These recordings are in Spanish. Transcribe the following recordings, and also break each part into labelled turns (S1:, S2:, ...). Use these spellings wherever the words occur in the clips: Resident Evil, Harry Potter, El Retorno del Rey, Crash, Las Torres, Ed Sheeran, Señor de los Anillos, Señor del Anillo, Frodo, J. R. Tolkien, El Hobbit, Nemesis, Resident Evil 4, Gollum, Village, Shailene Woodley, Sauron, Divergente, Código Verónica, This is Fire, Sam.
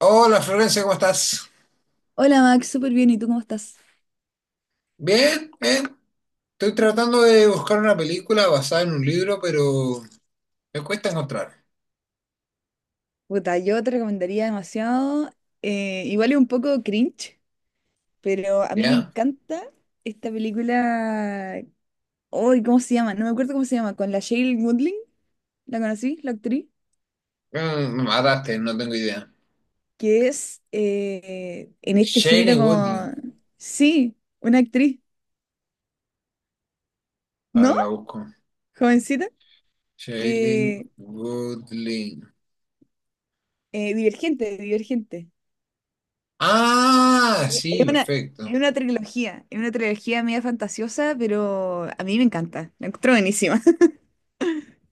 S1: Hola Florencia, ¿cómo estás?
S2: Hola Max, súper bien, ¿y tú cómo estás?
S1: Bien, bien. Estoy tratando de buscar una película basada en un libro, pero me cuesta encontrar.
S2: Puta, yo te recomendaría demasiado, igual es un poco cringe, pero a mí me
S1: ¿Ya?
S2: encanta esta película, hoy, ¿cómo se llama? No me acuerdo cómo se llama, con la Shailene Woodley, ¿la conocí? La actriz,
S1: Mm, no me mataste, no tengo idea.
S2: que es en este género
S1: Shailene Woodley.
S2: como, sí, una actriz,
S1: A ver,
S2: ¿no?
S1: la busco.
S2: Jovencita,
S1: Shailene
S2: que,
S1: Woodley.
S2: Divergente, Divergente,
S1: Ah,
S2: es
S1: sí,
S2: una...
S1: perfecto.
S2: es una trilogía media fantasiosa, pero a mí me encanta, la encuentro buenísima.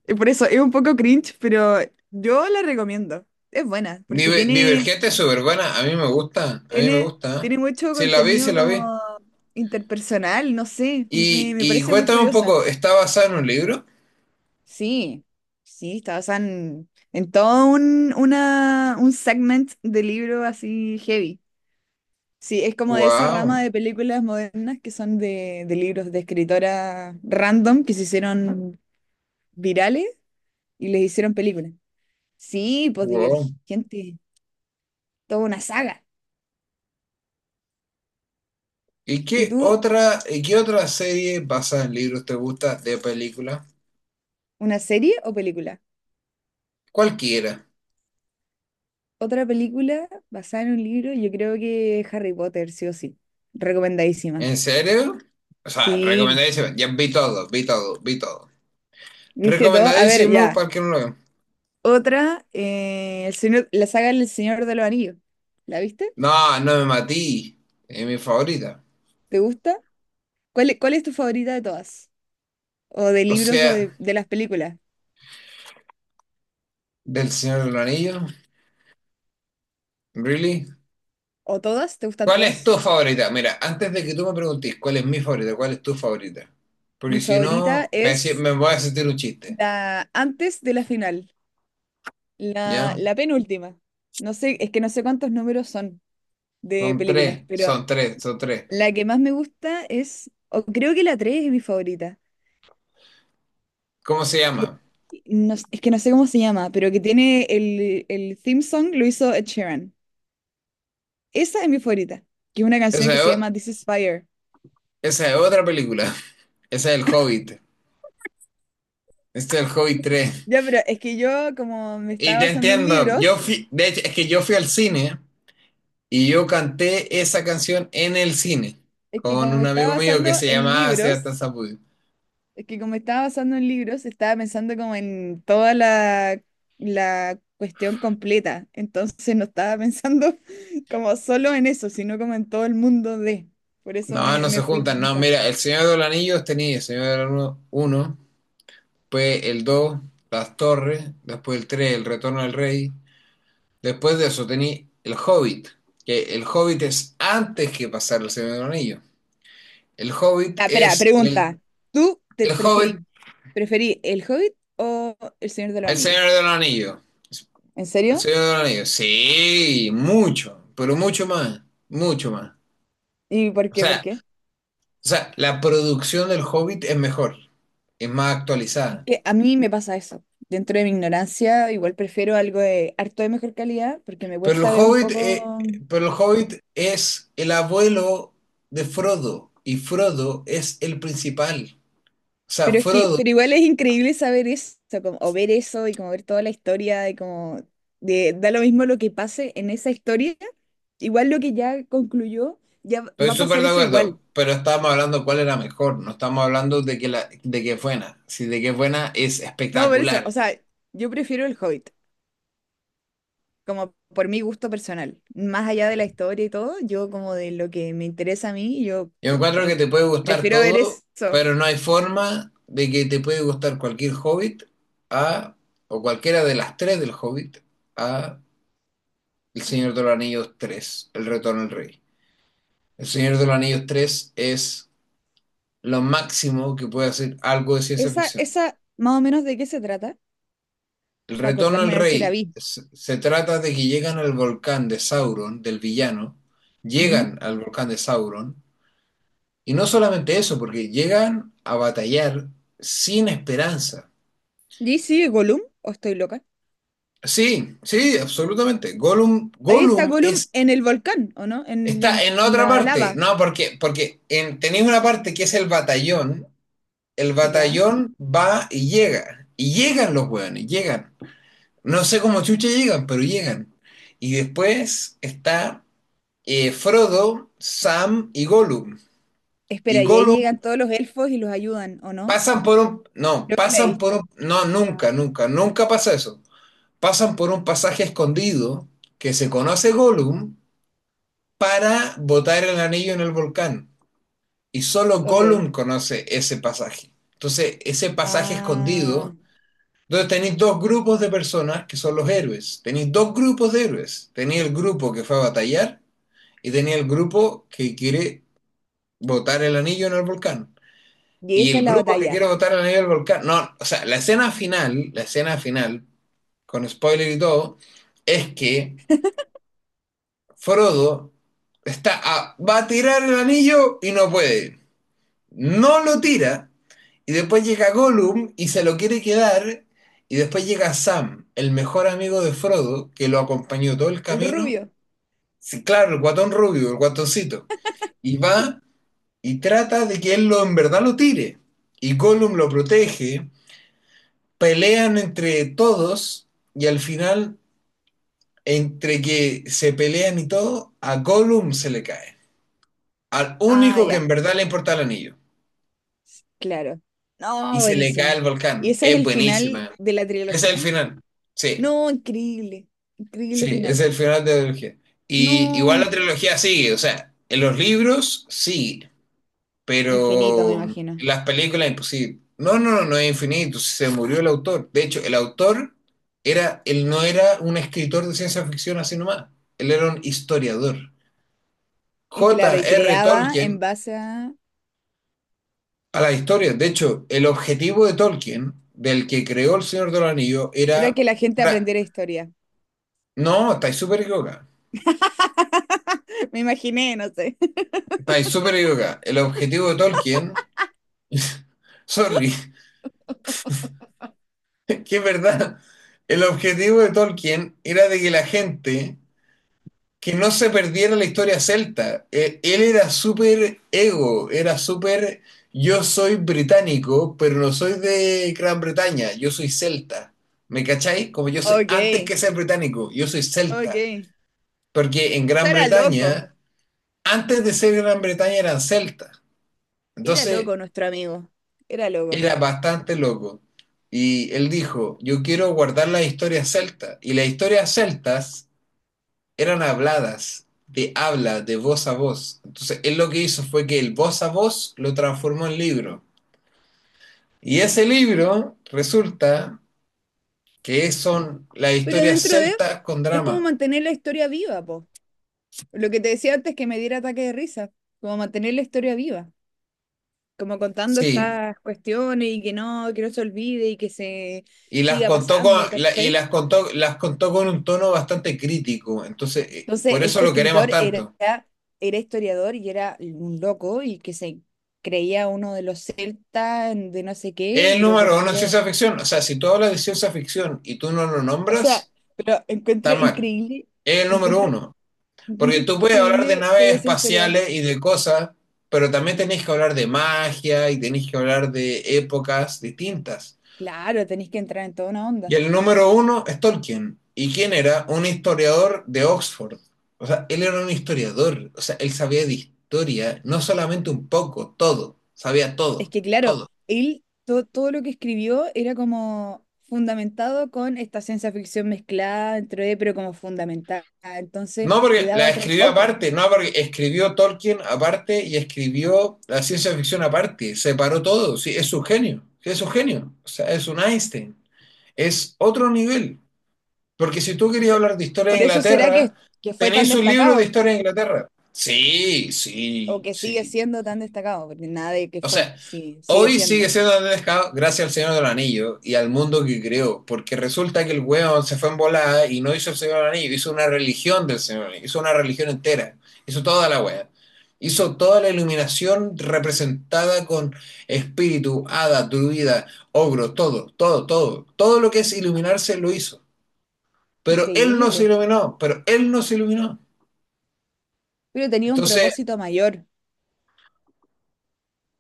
S2: Y por eso es un poco cringe, pero yo la recomiendo. Es buena, porque
S1: Divergente es súper buena. A mí me gusta, a mí me gusta.
S2: tiene
S1: ¿Eh?
S2: mucho
S1: Sí, la vi, se
S2: contenido
S1: la
S2: como
S1: vi.
S2: interpersonal, no sé,
S1: Y,
S2: me
S1: y
S2: parece muy
S1: cuéntame un
S2: curiosa.
S1: poco, ¿está basada en un libro?
S2: Sí, sí, está basada en todo un segment de libro así heavy. Sí, es como de esa rama
S1: Wow.
S2: de películas modernas que son de libros de escritoras random que se hicieron virales y les hicieron películas. Sí, pues Divergente, toda una saga. ¿Y tú,
S1: Y qué otra serie basada en libros te gusta de película?
S2: una serie o película?
S1: Cualquiera.
S2: Otra película basada en un libro, yo creo que Harry Potter, sí o sí. Recomendadísima.
S1: ¿En serio? O sea,
S2: Sí,
S1: recomendadísimo. Ya vi todo, vi todo, vi todo.
S2: ¿viste todo? A ver,
S1: Recomendadísimo
S2: ya.
S1: para el que no lo vea.
S2: Otra, el señor, la saga del Señor de los Anillos. ¿La viste?
S1: No, no me matí. Es mi favorita.
S2: ¿Te gusta? ¿ Cuál es tu favorita de todas? ¿O de
S1: O
S2: libros o
S1: sea,
S2: de las películas?
S1: del Señor del Anillo. ¿Really?
S2: ¿O todas? ¿Te gustan
S1: ¿Cuál es tu
S2: todas?
S1: favorita? Mira, antes de que tú me preguntes cuál es mi favorita, cuál es tu favorita. Porque
S2: Mi
S1: si
S2: favorita
S1: no,
S2: es
S1: me voy a sentir un chiste.
S2: la antes de la final,
S1: ¿Ya?
S2: la penúltima. No sé, es que no sé cuántos números son de
S1: Son
S2: películas,
S1: tres,
S2: pero
S1: son tres, son tres.
S2: la que más me gusta es, o creo que la 3 es mi favorita,
S1: ¿Cómo se
S2: que
S1: llama?
S2: no es que no sé cómo se llama, pero que tiene el theme song lo hizo Ed Sheeran. Esa es mi favorita, que es una canción
S1: Esa
S2: que
S1: es,
S2: se
S1: o-
S2: llama This is Fire.
S1: esa es otra película. Esa es El Hobbit. Este es El Hobbit 3.
S2: Ya, pero es que yo como me
S1: Y
S2: estaba
S1: te
S2: basando en
S1: entiendo. Yo
S2: libros,
S1: fui, de hecho, es que yo fui al cine y yo canté esa canción en el cine
S2: es que
S1: con
S2: como me
S1: un
S2: estaba
S1: amigo mío
S2: basando
S1: que se
S2: en
S1: llamaba
S2: libros,
S1: Sebastián Zapudio.
S2: es que como estaba basando en libros, estaba pensando como en toda la cuestión completa. Entonces no estaba pensando como solo en eso, sino como en todo el mundo de. Por eso
S1: No, no se
S2: me fui
S1: juntan.
S2: en
S1: No,
S2: esa.
S1: mira, El Señor de los Anillos tenía El Señor de los Anillos uno, después el 2, Las Torres, después el 3, El Retorno del Rey. Después de eso tenía El Hobbit, que El Hobbit es antes que pasar El Señor de los Anillos. El Hobbit
S2: Ah, espera,
S1: es
S2: pregunta. ¿Tú te
S1: el Hobbit,
S2: preferí, Preferí El Hobbit o El Señor de los
S1: el
S2: Anillos?
S1: Señor de los Anillos.
S2: ¿En
S1: El
S2: serio?
S1: Señor de los Anillos. Sí, mucho, pero mucho más, mucho más.
S2: ¿Y por
S1: O
S2: qué? ¿Por
S1: sea,
S2: qué?
S1: o sea, la producción del Hobbit es mejor, es más
S2: Es
S1: actualizada.
S2: que a mí me pasa eso. Dentro de mi ignorancia, igual prefiero algo de harto de mejor calidad, porque me
S1: Pero el
S2: cuesta ver un
S1: Hobbit, eh,
S2: poco.
S1: pero el Hobbit es el abuelo de Frodo y Frodo es el principal. O sea,
S2: Pero es que,
S1: Frodo.
S2: pero igual es increíble saber eso, o ver eso y como ver toda la historia y como de, da lo mismo lo que pase en esa historia, igual lo que ya concluyó, ya va
S1: Estoy
S2: a
S1: súper
S2: pasar
S1: de
S2: eso igual.
S1: acuerdo, pero estábamos hablando cuál era mejor, no estamos hablando de que, la, de que es buena. Si de que es buena es
S2: No, por eso,
S1: espectacular.
S2: o sea, yo prefiero el Hobbit, como por mi gusto personal, más allá de la historia y todo, yo como de lo que me interesa a mí, yo
S1: Yo encuentro que
S2: me
S1: te puede gustar
S2: prefiero ver
S1: todo,
S2: eso.
S1: pero no hay forma de que te puede gustar cualquier Hobbit a, o cualquiera de las tres del Hobbit a El Señor de los Anillos 3, El Retorno del Rey. El Señor de los Anillos 3 es lo máximo que puede hacer algo de ciencia
S2: Esa,
S1: ficción.
S2: esa, más o menos de qué se trata,
S1: El
S2: para
S1: retorno al
S2: acordarme a ver si la
S1: rey
S2: vi.
S1: se, se trata de que llegan al volcán de Sauron, del villano,
S2: Ujú.
S1: llegan al volcán de Sauron, y no solamente eso, porque llegan a batallar sin esperanza.
S2: ¿Y sí, Gollum? ¿O estoy loca?
S1: Sí, sí, absolutamente. Gollum,
S2: Ahí está
S1: Gollum
S2: Gollum
S1: es,
S2: en el volcán, ¿o no?
S1: está
S2: En
S1: en otra
S2: la
S1: parte.
S2: lava,
S1: No, porque, porque en, tenéis una parte que es el batallón. El
S2: ya.
S1: batallón va y llega. Y llegan los hueones, llegan. No sé cómo chucha llegan, pero llegan. Y después está Frodo, Sam y Gollum. Y
S2: Espera, y ahí
S1: Gollum
S2: llegan todos los elfos y los ayudan, ¿o no?
S1: pasan por un... No,
S2: Creo que la he
S1: pasan por
S2: visto.
S1: un... No,
S2: Ah,
S1: nunca, nunca, nunca pasa eso. Pasan por un pasaje escondido que se conoce Gollum para botar el anillo en el volcán. Y solo
S2: ok.
S1: Gollum conoce ese pasaje. Entonces, ese pasaje
S2: Ah,
S1: escondido, entonces tenéis dos grupos de personas que son los héroes. Tenéis dos grupos de héroes. Tenéis el grupo que fue a batallar y tenéis el grupo que quiere botar el anillo en el volcán.
S2: y
S1: Y
S2: esa es
S1: el
S2: la
S1: grupo que quiere
S2: batalla.
S1: votar a nivel volcán, no, o sea, la escena final, con spoiler y todo, es que Frodo va a tirar el anillo y no puede. No lo tira. Y después llega Gollum y se lo quiere quedar. Y después llega Sam, el mejor amigo de Frodo, que lo acompañó todo el
S2: El
S1: camino.
S2: rubio.
S1: Sí, claro, el guatón rubio, el guatoncito. Y va y trata de que él lo en verdad lo tire. Y Gollum lo protege, pelean entre todos y al final, entre que se pelean y todo, a Gollum se le cae. Al
S2: Ah,
S1: único que
S2: ya,
S1: en verdad le importa el anillo.
S2: claro.
S1: Y
S2: No,
S1: se le cae el
S2: buenísimo. ¿Y
S1: volcán.
S2: ese es
S1: Es
S2: el final
S1: buenísima.
S2: de la
S1: Ese es el
S2: trilogía?
S1: final. Sí,
S2: No, increíble. Increíble
S1: sí, ese es
S2: final.
S1: el final de la trilogía. Y igual la
S2: No,
S1: trilogía sigue, o sea, en los libros sí,
S2: infinito, me
S1: pero en
S2: imagino.
S1: las películas imposible. No, no, no, no es infinito, se murió el autor. De hecho, el autor era, él no era un escritor de ciencia ficción así nomás, él era un historiador.
S2: Y
S1: J.
S2: claro, y
S1: R.
S2: creaba en
S1: Tolkien
S2: base a...
S1: a la historia. De hecho, el objetivo de Tolkien, del que creó El Señor del Anillo,
S2: Era
S1: era...
S2: que la gente
S1: tra-
S2: aprendiera historia.
S1: No, estáis súper equivocada.
S2: Me imaginé, no sé.
S1: Estáis súper equivocada. El objetivo de Tolkien... Sorry, que es verdad. El objetivo de Tolkien era de que la gente que no se perdiera la historia celta. Él era súper ego, era súper yo soy británico, pero no soy de Gran Bretaña, yo soy celta. ¿Me cacháis? Como yo soy,
S2: Ok,
S1: antes que ser británico, yo soy celta.
S2: ok.
S1: Porque en
S2: O sea,
S1: Gran
S2: era loco.
S1: Bretaña, antes de ser Gran Bretaña eran celtas.
S2: Era
S1: Entonces
S2: loco nuestro amigo. Era loco.
S1: era bastante loco. Y él dijo, yo quiero guardar las historias celtas. Y las historias celtas eran habladas, de habla, de voz a voz. Entonces, él lo que hizo fue que el voz a voz lo transformó en libro. Y ese libro resulta que son las
S2: Pero
S1: historias
S2: dentro de,
S1: celtas con
S2: es como
S1: drama.
S2: mantener la historia viva, po. Lo que te decía antes que me diera ataque de risa. Como mantener la historia viva. Como contando
S1: Sí,
S2: estas cuestiones y que no se olvide y que se siga pasando,
S1: y
S2: ¿cachai?
S1: las contó con un tono bastante crítico. Entonces,
S2: Entonces,
S1: por eso
S2: este
S1: lo queremos
S2: escritor
S1: tanto.
S2: era historiador y era un loco y que se creía uno de los celtas de no sé
S1: Es
S2: qué,
S1: el
S2: pero
S1: número
S2: porque
S1: uno en
S2: era...
S1: ciencia ficción. O sea, si tú hablas de ciencia ficción y tú no lo
S2: O sea,
S1: nombras,
S2: pero encuentro
S1: está mal. Es el número
S2: encuentro,
S1: uno.
S2: encuentro
S1: Porque tú puedes hablar de
S2: increíble que
S1: naves
S2: haya sido historiador.
S1: espaciales y de cosas, pero también tenés que hablar de magia y tenés que hablar de épocas distintas.
S2: Claro, tenéis que entrar en toda una onda.
S1: Y el número uno es Tolkien. ¿Y quién era? Un historiador de Oxford. O sea, él era un historiador. O sea, él sabía de historia, no solamente un poco, todo. Sabía
S2: Es
S1: todo,
S2: que, claro,
S1: todo.
S2: él, todo lo que escribió era como fundamentado con esta ciencia ficción mezclada dentro de, pero como fundamental. Entonces,
S1: No,
S2: le
S1: porque
S2: daba
S1: la
S2: otro
S1: escribió
S2: foco.
S1: aparte, no, porque escribió Tolkien aparte y escribió la ciencia ficción aparte, separó todo, sí, es un genio, sí, es un genio, o sea, es un Einstein, es otro nivel, porque si tú querías
S2: Quizá,
S1: hablar de historia de
S2: por eso será
S1: Inglaterra,
S2: que fue tan
S1: tenés un libro de
S2: destacado,
S1: historia de Inglaterra. Sí,
S2: o
S1: sí,
S2: que sigue
S1: sí,
S2: siendo tan destacado, porque nada de que
S1: o
S2: fue,
S1: sea,
S2: sí, sigue
S1: hoy sigue
S2: siendo.
S1: siendo Andrés Pescado gracias al Señor del Anillo y al mundo que creó, porque resulta que el weón se fue en volada y no hizo el Señor del Anillo, hizo una religión del Señor del Anillo, hizo una religión entera, hizo toda la wea. Hizo toda la iluminación representada con espíritu, hada, druida, ogro, todo, todo, todo. Todo lo que es iluminarse lo hizo. Pero él no se
S2: Increíble.
S1: iluminó, pero él no se iluminó.
S2: Pero tenía un
S1: Entonces,
S2: propósito mayor,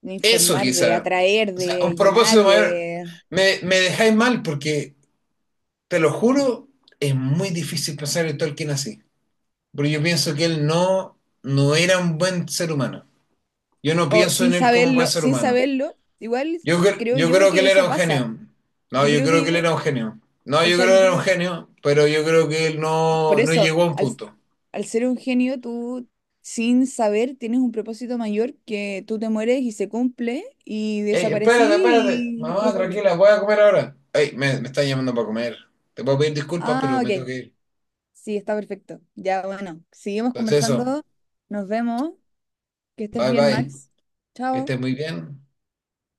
S2: de
S1: eso
S2: informar, de
S1: quizá,
S2: atraer,
S1: o sea, un
S2: de llenar
S1: propósito
S2: y
S1: mayor.
S2: de...
S1: Me dejáis mal porque te lo juro, es muy difícil pensar en Tolkien así. Porque yo pienso que él no, no era un buen ser humano. Yo no
S2: O
S1: pienso
S2: sin
S1: en él como buen
S2: saberlo,
S1: ser
S2: sin
S1: humano.
S2: saberlo, igual creo
S1: Yo
S2: yo
S1: creo que
S2: que
S1: él era
S2: eso
S1: un
S2: pasa.
S1: genio. No,
S2: Yo
S1: yo
S2: creo
S1: creo
S2: que
S1: que
S2: yo,
S1: él era un genio. No,
S2: o
S1: yo
S2: sea,
S1: creo
S2: yo
S1: que era un
S2: creo,
S1: genio, pero yo creo que él no,
S2: por
S1: no
S2: eso,
S1: llegó a un
S2: al,
S1: punto.
S2: al ser un genio, tú sin saber tienes un propósito mayor que tú te mueres y se cumple y
S1: Ey,
S2: desaparecí
S1: espérate, espérate.
S2: y
S1: Mamá,
S2: después volví.
S1: tranquila, voy a comer ahora. Ey, me están llamando para comer. Te puedo pedir disculpas, pero
S2: Ah,
S1: me tengo
S2: ok.
S1: que ir.
S2: Sí, está perfecto. Ya, bueno, seguimos
S1: Entonces eso,
S2: conversando. Nos vemos. Que estés
S1: bye
S2: bien,
S1: bye.
S2: Max.
S1: Que
S2: Chao.
S1: estés muy bien.